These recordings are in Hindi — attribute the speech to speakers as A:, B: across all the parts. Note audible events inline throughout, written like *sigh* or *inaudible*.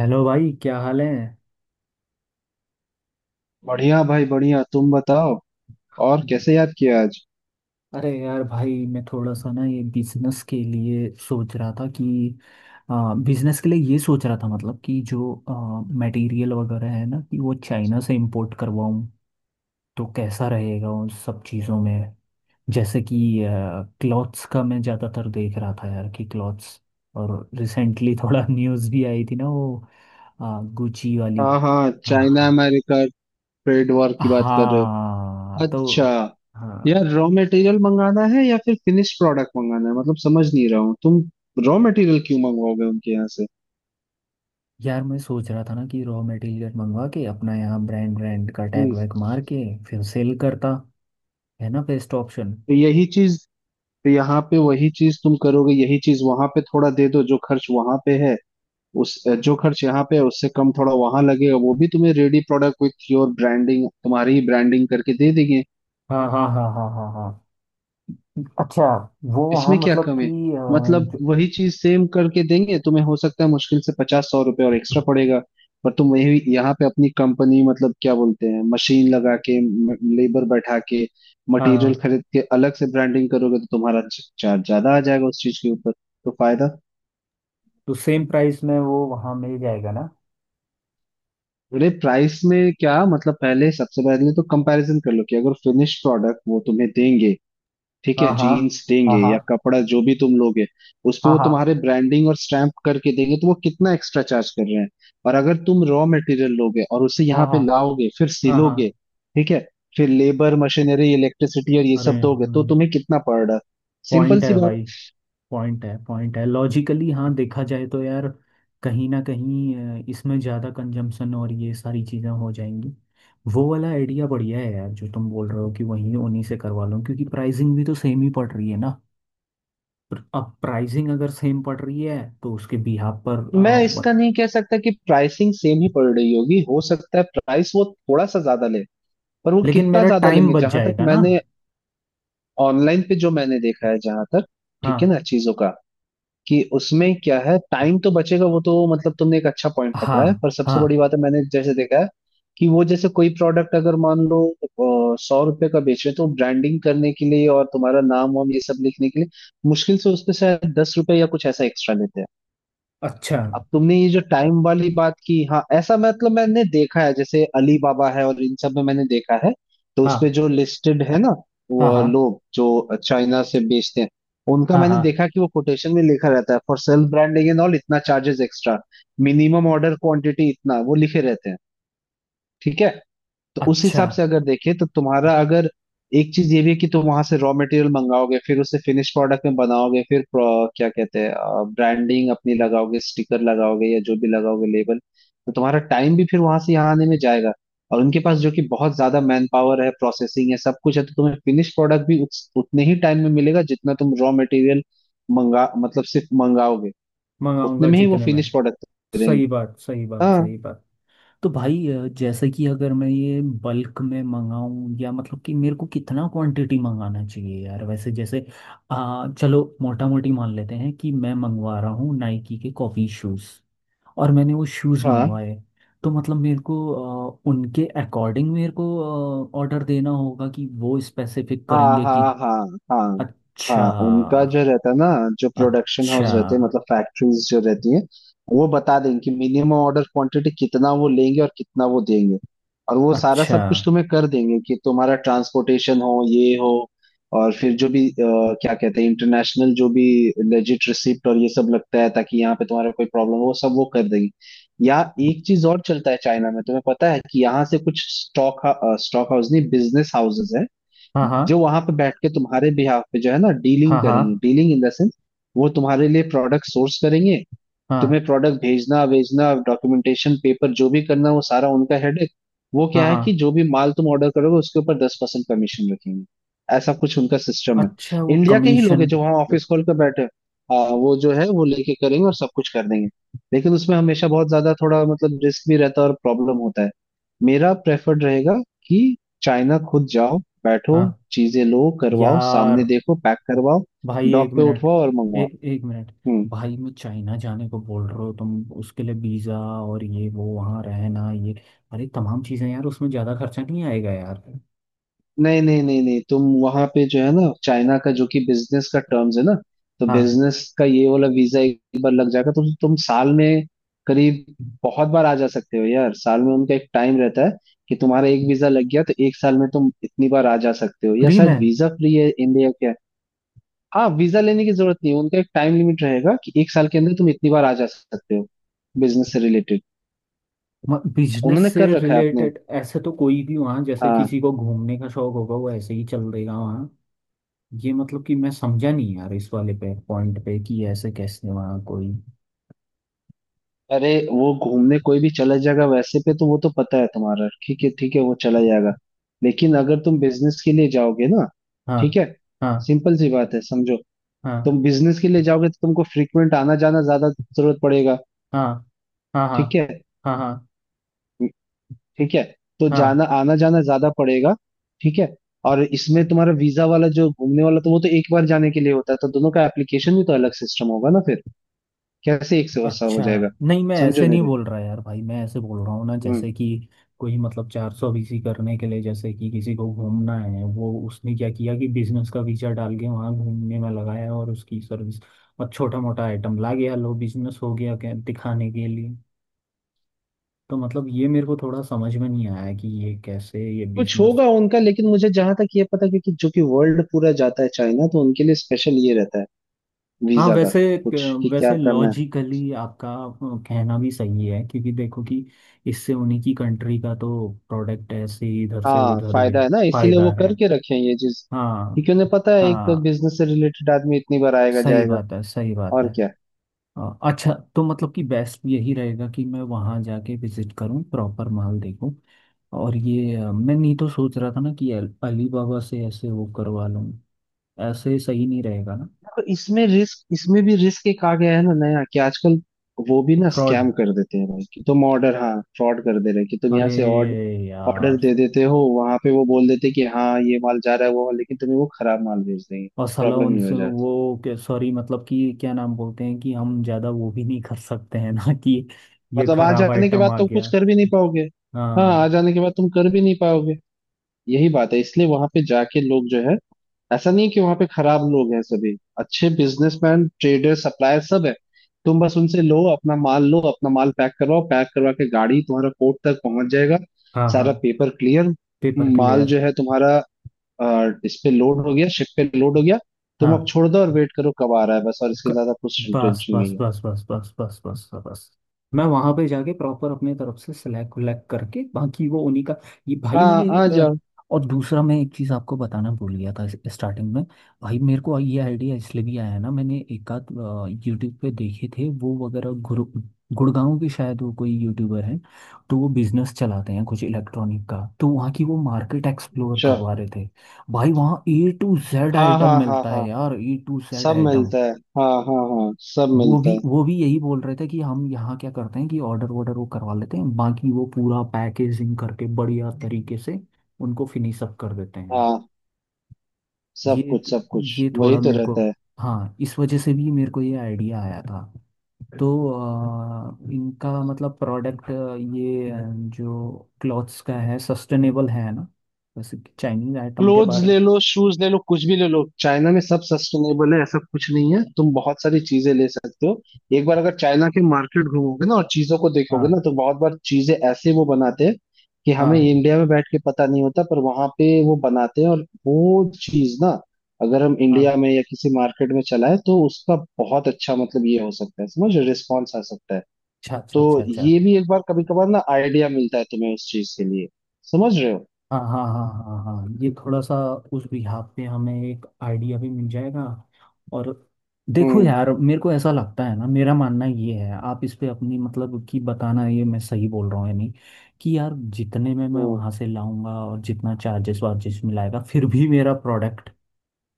A: हेलो भाई, क्या हाल है।
B: बढ़िया भाई बढ़िया। तुम बताओ और कैसे याद किया आज?
A: अरे यार भाई, मैं थोड़ा सा ना ये बिजनेस के लिए सोच रहा था कि बिजनेस के लिए ये सोच रहा था। मतलब कि जो मटेरियल वगैरह है ना, कि वो चाइना से इंपोर्ट करवाऊँ, तो कैसा रहेगा उन सब चीज़ों में। जैसे कि क्लॉथ्स का मैं ज़्यादातर देख रहा था यार, कि क्लॉथ्स। और रिसेंटली थोड़ा *laughs* न्यूज़ भी आई थी ना, वो गुची वाली।
B: हाँ हाँ, चाइना
A: हाँ
B: अमेरिका ट्रेड वॉर की बात कर रहे
A: हाँ,
B: हो।
A: तो
B: अच्छा। यार,
A: हाँ।
B: रॉ मटेरियल मंगाना है या फिर फिनिश प्रोडक्ट मंगाना है? मतलब समझ नहीं रहा हूँ तुम। रॉ मटेरियल क्यों मंगवाओगे उनके यहाँ से?
A: यार मैं सोच रहा था ना कि रॉ मटेरियल मंगवा के अपना यहाँ ब्रांड ब्रांड का टैग
B: हम्म।
A: वैग मार के फिर सेल करता। है ना, बेस्ट ऑप्शन।
B: तो यही चीज तो यहाँ पे वही चीज तुम करोगे, यही चीज वहां पे थोड़ा दे दो। जो खर्च वहां पे है उस जो खर्च यहाँ पे है उससे कम थोड़ा वहां लगेगा। वो भी तुम्हें ready product with your branding, तुम्हारी ही ब्रांडिंग करके दे देंगे।
A: हाँ हाँ हाँ हाँ हाँ हाँ, अच्छा। वो वहाँ
B: इसमें क्या
A: मतलब
B: कम है?
A: कि
B: मतलब
A: जो।
B: वही चीज सेम करके देंगे तुम्हें, हो सकता है मुश्किल से पचास सौ रुपए और एक्स्ट्रा पड़ेगा। पर तुम वही यहाँ पे अपनी कंपनी, मतलब क्या बोलते हैं, मशीन लगा के, लेबर बैठा के, मटेरियल
A: हाँ।
B: खरीद के अलग से ब्रांडिंग करोगे तो तुम्हारा चार्ज ज्यादा आ जाएगा उस चीज के ऊपर। तो फायदा?
A: तो सेम प्राइस में वो वहाँ मिल जाएगा ना।
B: अरे प्राइस में क्या मतलब? पहले सबसे पहले तो कंपैरिजन कर लो, कि अगर फिनिश प्रोडक्ट वो तुम्हें देंगे, ठीक है,
A: हाँ हाँ
B: जीन्स देंगे
A: हाँ हाँ
B: या कपड़ा जो भी तुम लोगे, उस पे
A: हाँ
B: वो
A: हाँ
B: तुम्हारे ब्रांडिंग और स्टैम्प करके देंगे तो वो कितना एक्स्ट्रा चार्ज कर रहे हैं। और अगर तुम रॉ मटेरियल लोगे और उसे
A: हाँ
B: यहाँ पे
A: हाँ
B: लाओगे, फिर
A: हाँ
B: सिलोगे,
A: हाँ।
B: ठीक है, फिर लेबर मशीनरी इलेक्ट्रिसिटी और ये
A: अरे
B: सब दोगे तो तुम्हें कितना पड़ रहा है? सिंपल
A: पॉइंट
B: सी
A: है
B: बात।
A: भाई। पॉइंट है, पॉइंट है। लॉजिकली हाँ, देखा जाए तो यार, कहीं ना कहीं इसमें ज़्यादा कंजम्पशन और ये सारी चीज़ें हो जाएंगी। वो वाला आइडिया बढ़िया है यार, जो तुम बोल रहे हो कि वहीं उन्हीं से करवा लो, क्योंकि प्राइसिंग भी तो सेम ही पड़ रही है ना। पर अब प्राइसिंग अगर सेम पड़ रही है, तो उसके बिहाफ पर
B: मैं
A: व-
B: इसका नहीं कह सकता कि प्राइसिंग सेम ही पड़ रही होगी, हो सकता है प्राइस वो थोड़ा सा ज्यादा ले। पर वो
A: लेकिन
B: कितना
A: मेरा
B: ज्यादा
A: टाइम
B: लेंगे,
A: बच
B: जहां तक
A: जाएगा ना।
B: मैंने ऑनलाइन पे जो मैंने देखा है, जहां तक, ठीक
A: हाँ
B: है ना, चीजों का, कि उसमें क्या है। टाइम तो बचेगा, वो तो मतलब तुमने एक अच्छा पॉइंट पकड़ा
A: हाँ
B: है, पर सबसे बड़ी
A: हाँ,
B: बात है मैंने जैसे देखा है कि वो जैसे कोई प्रोडक्ट अगर मान लो 100 रुपए का बेच रहे हो, तो ब्रांडिंग करने के लिए और तुम्हारा नाम वाम ये सब लिखने के लिए मुश्किल से उस पे शायद 10 रुपए या कुछ ऐसा एक्स्ट्रा लेते हैं।
A: अच्छा।
B: अब तुमने ये जो टाइम वाली बात की, हाँ ऐसा मतलब मैंने देखा है, जैसे अली बाबा है और इन सब में मैंने देखा है। तो उसमें
A: हाँ
B: जो लिस्टेड है ना,
A: हाँ
B: वो
A: हाँ
B: लोग जो चाइना से बेचते हैं, उनका
A: हाँ
B: मैंने
A: हाँ,
B: देखा कि वो कोटेशन में लिखा रहता है, for self branding and all इतना charges extra, minimum order quantity इतना, वो लिखे रहते हैं। ठीक है। तो उस
A: अच्छा।
B: हिसाब से अगर देखें तो तुम्हारा अगर, एक चीज ये भी है कि तुम वहां से रॉ मटेरियल मंगाओगे फिर उसे फिनिश प्रोडक्ट में बनाओगे फिर क्या कहते हैं, ब्रांडिंग अपनी लगाओगे स्टिकर लगाओगे या जो भी लगाओगे लेबल, तो तुम्हारा टाइम भी फिर वहां से यहाँ आने में जाएगा। और उनके पास जो कि बहुत ज्यादा मैन पावर है, प्रोसेसिंग है, सब कुछ है, तो तुम्हें फिनिश प्रोडक्ट भी उतने ही टाइम में मिलेगा जितना तुम रॉ मटेरियल मंगा मतलब सिर्फ मंगाओगे, उतने
A: मंगाऊंगा
B: में ही वो
A: जितने में।
B: फिनिश प्रोडक्ट देंगे।
A: सही बात, सही बात,
B: हाँ
A: सही बात। तो भाई जैसे कि अगर मैं ये बल्क में मंगाऊं, या मतलब कि मेरे को कितना क्वांटिटी मंगाना चाहिए यार, वैसे जैसे चलो मोटा मोटी मान लेते हैं कि मैं मंगवा रहा हूँ नाइकी के कॉफ़ी शूज़, और मैंने वो शूज़
B: हाँ
A: मंगवाए, तो मतलब मेरे को उनके अकॉर्डिंग मेरे को ऑर्डर देना होगा, कि वो स्पेसिफिक
B: हाँ
A: करेंगे कि।
B: हाँ हाँ हाँ हाँ। उनका
A: अच्छा,
B: जो रहता है ना, जो प्रोडक्शन
A: अच्छा,
B: हाउस रहते हैं, मतलब फैक्ट्रीज जो रहती हैं, वो बता देंगे कि मिनिमम ऑर्डर क्वांटिटी कितना वो लेंगे और कितना वो देंगे, और वो सारा
A: अच्छा।
B: सब कुछ तुम्हें कर देंगे, कि तुम्हारा ट्रांसपोर्टेशन हो, ये हो, और फिर जो भी क्या कहते हैं इंटरनेशनल जो भी लेजिट रिसिप्ट और ये सब लगता है ताकि यहाँ पे तुम्हारा कोई प्रॉब्लम हो, वो सब वो कर देंगे। या एक चीज और चलता है चाइना में, तुम्हें पता है कि यहाँ से कुछ स्टॉक स्टॉक हाउस नहीं, बिजनेस हाउसेज
A: हाँ हाँ
B: जो वहां पे बैठ के तुम्हारे बिहाफ पे जो है ना
A: हाँ
B: डीलिंग
A: हाँ
B: करेंगे, डीलिंग इन द सेंस वो तुम्हारे लिए प्रोडक्ट सोर्स करेंगे,
A: हाँ
B: तुम्हें प्रोडक्ट भेजना भेजना डॉक्यूमेंटेशन पेपर जो भी करना वो सारा उनका हेडेक। वो
A: हाँ
B: क्या है
A: हाँ,
B: कि जो भी माल तुम ऑर्डर करोगे उसके ऊपर 10% कमीशन रखेंगे, ऐसा कुछ उनका सिस्टम है।
A: अच्छा। वो
B: इंडिया के ही लोग
A: कमीशन।
B: हैं जो वहाँ ऑफिस खोल कर बैठे हैं। वो जो है वो लेके करेंगे और सब कुछ कर देंगे। लेकिन उसमें हमेशा बहुत ज्यादा थोड़ा मतलब रिस्क भी रहता है और प्रॉब्लम होता है। मेरा प्रेफर्ड रहेगा कि चाइना खुद जाओ, बैठो,
A: हाँ
B: चीजें लो, करवाओ, सामने
A: यार
B: देखो, पैक करवाओ,
A: भाई, एक
B: डॉक पे
A: मिनट।
B: उठवाओ और मंगवाओ।
A: एक मिनट।
B: हम्म।
A: भाई मैं चाइना जाने को बोल रहे हो तुम, उसके लिए वीज़ा और ये वो वहाँ रहना, ये अरे तमाम चीज़ें यार, उसमें ज़्यादा खर्चा नहीं आएगा यार।
B: नहीं नहीं नहीं नहीं, तुम वहां पे जो है ना, चाइना का जो कि बिजनेस का टर्म्स है ना, तो
A: हाँ,
B: बिजनेस का ये वाला वीजा एक बार लग जाएगा तो तुम साल में करीब बहुत बार आ जा सकते हो यार। साल में उनका एक टाइम रहता है कि तुम्हारा एक वीजा लग गया तो एक साल में तुम इतनी बार आ जा सकते हो, या
A: फ्री
B: शायद
A: में।
B: वीजा फ्री है इंडिया क्या है। हाँ, वीजा लेने की जरूरत नहीं है, उनका एक टाइम लिमिट रहेगा कि एक साल के अंदर तुम इतनी बार आ जा सकते हो, बिजनेस से रिलेटेड।
A: बिजनेस
B: उन्होंने
A: से
B: कर रखा है अपने।
A: रिलेटेड ऐसे तो कोई भी वहाँ, जैसे
B: हाँ।
A: किसी को घूमने का शौक होगा वो ऐसे ही चल देगा वहाँ। ये मतलब कि मैं समझा नहीं यार, इस वाले पे पॉइंट पे कि ऐसे कैसे वहाँ कोई।
B: अरे वो घूमने कोई भी चला जाएगा वैसे पे, तो वो तो पता है तुम्हारा, ठीक है वो चला जाएगा। लेकिन अगर तुम बिजनेस के लिए जाओगे ना,
A: हाँ
B: ठीक है,
A: हाँ
B: सिंपल सी बात है समझो।
A: हाँ
B: तुम बिजनेस के लिए जाओगे तो तुमको फ्रीक्वेंट आना जाना ज्यादा जरूरत पड़ेगा।
A: हाँ हाँ हाँ
B: ठीक है।
A: हाँ हाँ हाँ।
B: ठीक है। तो
A: हाँ,
B: जाना आना जाना ज्यादा पड़ेगा। ठीक है। और इसमें तुम्हारा वीजा वाला जो घूमने वाला तो वो तो एक बार जाने के लिए होता है, तो दोनों का एप्लीकेशन भी तो अलग सिस्टम होगा ना फिर, कैसे एक से वैसा हो
A: अच्छा।
B: जाएगा?
A: नहीं मैं ऐसे
B: समझो
A: नहीं
B: मेरे।
A: बोल रहा यार भाई, मैं ऐसे बोल रहा हूँ ना
B: हम्म।
A: जैसे कि कोई मतलब चार सौ बीसी करने के लिए, जैसे कि किसी को घूमना है, वो उसने क्या किया कि बिजनेस का वीजा डाल के वहाँ घूमने में लगाया, और उसकी सर्विस और छोटा मोटा आइटम ला गया, लो बिजनेस हो गया, क्या दिखाने के लिए। तो मतलब ये मेरे को थोड़ा समझ में नहीं आया कि ये कैसे ये
B: कुछ
A: बिजनेस।
B: होगा उनका, लेकिन मुझे जहां तक ये पता है, क्योंकि जो कि वर्ल्ड पूरा जाता है चाइना, तो उनके लिए स्पेशल ये रहता है
A: हाँ
B: वीजा का
A: वैसे।
B: कुछ, कि क्या
A: वैसे
B: करना है।
A: लॉजिकली आपका कहना भी सही है, क्योंकि देखो कि इससे उन्हीं की कंट्री का तो प्रोडक्ट ऐसे ही इधर से
B: हाँ,
A: उधर ये
B: फायदा है ना, इसीलिए
A: फायदा
B: वो
A: है।
B: करके रखे हैं ये चीज,
A: हाँ
B: क्योंकि उन्हें पता है एक तो
A: हाँ,
B: बिजनेस से रिलेटेड आदमी इतनी बार आएगा
A: सही
B: जाएगा
A: बात है, सही बात
B: और
A: है।
B: क्या।
A: अच्छा तो मतलब कि बेस्ट यही रहेगा कि मैं वहाँ जाके विजिट करूँ, प्रॉपर माल देखूँ। और ये मैं नहीं तो सोच रहा था ना कि अलीबाबा से ऐसे वो करवा लूँ, ऐसे सही नहीं रहेगा ना।
B: तो इसमें भी रिस्क एक आ गया है ना नया, कि आजकल वो भी ना
A: फ्रॉड,
B: स्कैम कर देते हैं भाई, कि तुम ऑर्डर, हाँ फ्रॉड कर दे रहे हैं, कि तुम
A: अरे
B: यहाँ से ऑर्डर
A: यार।
B: दे देते हो, वहां पे वो बोल देते हैं कि हाँ ये माल जा रहा है वो माल, लेकिन तुम्हें वो खराब माल भेज देंगे,
A: और साला
B: प्रॉब्लम ही हो
A: उनसे
B: जाती है।
A: वो सॉरी, मतलब कि क्या नाम बोलते हैं कि हम ज्यादा वो भी नहीं कर सकते हैं *laughs* ना कि ये
B: मतलब आ
A: खराब
B: जाने के
A: आइटम
B: बाद
A: आ
B: तुम कुछ
A: गया।
B: कर भी नहीं पाओगे। हाँ, आ
A: हाँ
B: जाने के बाद तुम कर भी नहीं पाओगे। यही बात है, इसलिए वहां पे जाके लोग जो है, ऐसा नहीं है कि वहां पे खराब लोग हैं, सभी अच्छे बिजनेसमैन ट्रेडर सप्लायर सब है। तुम बस उनसे लो अपना माल, लो अपना माल पैक करवाओ, पैक करवा के गाड़ी तुम्हारा कोर्ट तक पहुंच जाएगा,
A: हाँ हाँ,
B: सारा पेपर क्लियर,
A: पेपर
B: माल
A: क्लियर।
B: जो है तुम्हारा इस पे लोड हो गया, शिप पे लोड हो गया, तुम अब
A: हाँ,
B: छोड़ दो और वेट करो कब आ रहा है बस, और इसके
A: क-
B: ज्यादा कुछ
A: बस
B: टेंशन
A: बस
B: नहीं है।
A: बस बस बस बस बस बस, मैं वहां पे जाके प्रॉपर अपने तरफ से सिलेक्ट विलेक्ट करके बाकी वो उन्हीं का। ये भाई
B: हाँ
A: मैंने
B: आ
A: अ,
B: जाओ।
A: और दूसरा मैं एक चीज आपको बताना भूल गया था स्टार्टिंग में। भाई मेरे को ये आइडिया इसलिए भी आया है ना, मैंने एक आध यूट्यूब पे देखे थे वो वगैरह, गुरु गुड़गांव के शायद, वो कोई यूट्यूबर है। तो वो बिजनेस चलाते हैं कुछ इलेक्ट्रॉनिक का, तो वहाँ की वो मार्केट एक्सप्लोर करवा
B: चलो।
A: रहे थे। भाई वहाँ ए टू जेड
B: हाँ
A: आइटम
B: हाँ हाँ
A: मिलता है
B: हाँ
A: यार, ए टू जेड
B: सब
A: आइटम।
B: मिलता है। हाँ हाँ हाँ सब
A: वो
B: मिलता
A: भी,
B: है।
A: वो भी यही बोल रहे थे कि हम यहाँ क्या करते हैं कि ऑर्डर वॉर्डर वो करवा लेते हैं, बाकी वो पूरा पैकेजिंग करके बढ़िया तरीके से उनको फिनिश अप कर देते हैं।
B: हाँ, सब
A: ये
B: कुछ सब कुछ,
A: ये
B: वही
A: थोड़ा
B: तो
A: मेरे को,
B: रहता है।
A: हाँ इस वजह से भी मेरे को ये आइडिया आया था। तो इनका मतलब प्रोडक्ट, ये जो क्लॉथ्स का है सस्टेनेबल है ना, जैसे चाइनीज आइटम के
B: क्लोथ्स
A: बारे में।
B: ले लो, शूज ले लो, कुछ भी ले लो, चाइना में सब सस्टेनेबल है ऐसा कुछ नहीं है, तुम बहुत सारी चीजें ले सकते हो। एक बार अगर चाइना के मार्केट घूमोगे ना और चीजों को देखोगे
A: हाँ
B: ना, तो बहुत बार चीजें ऐसे वो बनाते हैं कि हमें
A: हाँ
B: इंडिया में बैठ के पता नहीं होता, पर वहां पे वो बनाते हैं, और वो चीज ना अगर हम
A: हाँ,
B: इंडिया में या किसी मार्केट में चलाएं तो उसका बहुत अच्छा मतलब ये हो सकता है, समझ रिस्पॉन्स आ सकता है।
A: अच्छा अच्छा
B: तो
A: अच्छा अच्छा।
B: ये भी एक बार कभी कभार ना आइडिया मिलता है तुम्हें उस चीज के लिए, समझ रहे हो?
A: हाँ हाँ हाँ हाँ हाँ, ये थोड़ा सा उस बिहाफ पे हमें एक आइडिया भी मिल जाएगा। और देखो
B: हम्म।
A: यार, मेरे को ऐसा लगता है ना, मेरा मानना ये है, आप इस पे अपनी मतलब कि बताना, ये मैं सही बोल रहा हूँ या नहीं, कि यार जितने में मैं
B: हम्म।
A: वहाँ से लाऊंगा और जितना चार्जेस वार्जेस मिलाएगा, फिर भी मेरा प्रोडक्ट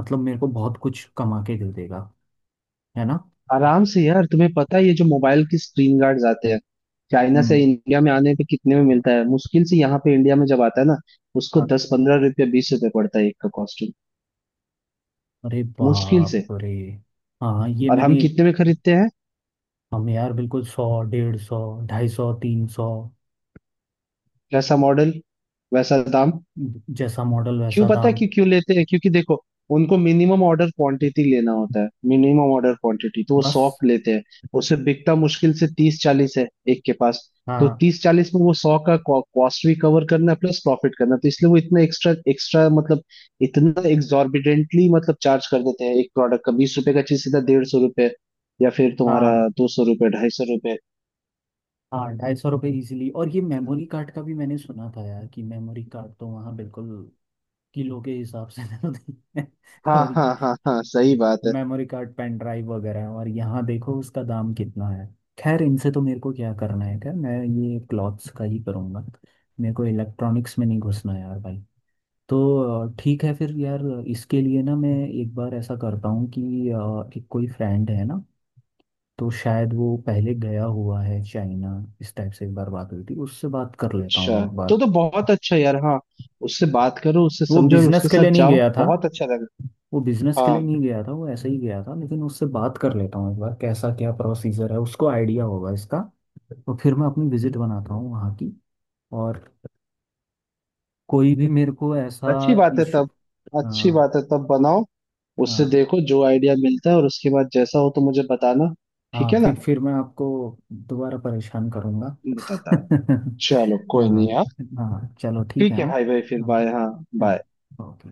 A: मतलब मेरे को बहुत कुछ कमा के दे देगा, है ना।
B: आराम से यार। तुम्हें पता है ये जो मोबाइल की स्क्रीन गार्ड्स आते हैं चाइना से
A: हम्म।
B: इंडिया में आने पे कितने में मिलता है? मुश्किल से, यहाँ पे इंडिया में जब आता है ना, उसको
A: हाँ,
B: 10-15 रुपया 20 रुपये पड़ता है एक का कॉस्ट्यूम,
A: अरे
B: मुश्किल से।
A: बाप रे। हाँ, ये
B: और हम
A: मैंने,
B: कितने में खरीदते हैं?
A: हम यार बिल्कुल 100, 150, 250, 300,
B: जैसा मॉडल वैसा दाम।
A: जैसा मॉडल
B: क्यों
A: वैसा
B: पता है
A: दाम।
B: क्यों क्यों लेते हैं? क्योंकि देखो, उनको मिनिमम ऑर्डर क्वांटिटी लेना होता है, मिनिमम ऑर्डर क्वांटिटी तो वो सौ
A: बस।
B: लेते हैं उसे बिकता मुश्किल से 30-40 है एक के पास, तो
A: हाँ
B: 30-40 में वो 100 का कॉस्ट भी कवर करना है प्लस प्रॉफिट करना है। तो इसलिए वो इतना एक्स्ट्रा एक्स्ट्रा मतलब इतना एग्जॉर्बिडेंटली मतलब चार्ज कर देते हैं, एक प्रोडक्ट का 20 रुपए का चीज सीधा 150 रुपए या फिर तुम्हारा
A: हाँ
B: 200 रुपए 250 रुपए।
A: हाँ, ₹250 ईजिली। और ये मेमोरी कार्ड का भी मैंने सुना था यार, कि मेमोरी कार्ड तो वहाँ बिल्कुल किलो के हिसाब से मिलते हैं। *laughs*
B: हाँ
A: और
B: हाँ हाँ हाँ सही बात है।
A: मेमोरी कार्ड, पेन ड्राइव वगैरह, और यहाँ देखो उसका दाम कितना है। खैर, इनसे तो मेरे को क्या करना है, क्या मैं ये क्लॉथ्स का ही करूँगा, मेरे को इलेक्ट्रॉनिक्स में नहीं घुसना यार भाई। तो ठीक है फिर यार, इसके लिए ना मैं एक बार ऐसा करता हूँ कि एक कोई फ्रेंड है ना, तो शायद वो पहले गया हुआ है चाइना, इस टाइप से एक बार बात हुई थी, उससे बात कर लेता हूँ
B: अच्छा
A: एक
B: तो
A: बार।
B: बहुत अच्छा यार। हाँ उससे बात करो, उससे
A: वो
B: समझो और
A: बिजनेस
B: उसके
A: के लिए
B: साथ
A: नहीं
B: जाओ,
A: गया था,
B: बहुत अच्छा लगा।
A: वो बिजनेस के
B: हाँ
A: लिए नहीं गया था, वो ऐसे ही गया था, लेकिन उससे बात कर लेता हूँ एक बार कैसा क्या प्रोसीजर है, उसको आइडिया होगा इसका। तो फिर मैं अपनी विजिट बनाता हूँ वहाँ की, और कोई भी मेरे को ऐसा
B: अच्छी बात है
A: इशू।
B: तब। अच्छी
A: हाँ
B: बात है तब बनाओ। उससे
A: हाँ
B: देखो जो आइडिया मिलता है और उसके बाद जैसा हो तो मुझे बताना। ठीक
A: हाँ,
B: है
A: फिर
B: ना?
A: फिर मैं आपको दोबारा परेशान करूँगा।
B: बताता हूँ। चलो
A: *laughs*
B: कोई नहीं
A: हाँ
B: हाँ।
A: हाँ, चलो ठीक है,
B: ठीक है
A: हाँ
B: भाई भाई, फिर बाय हाँ।
A: हाँ,
B: बाय।
A: ओके।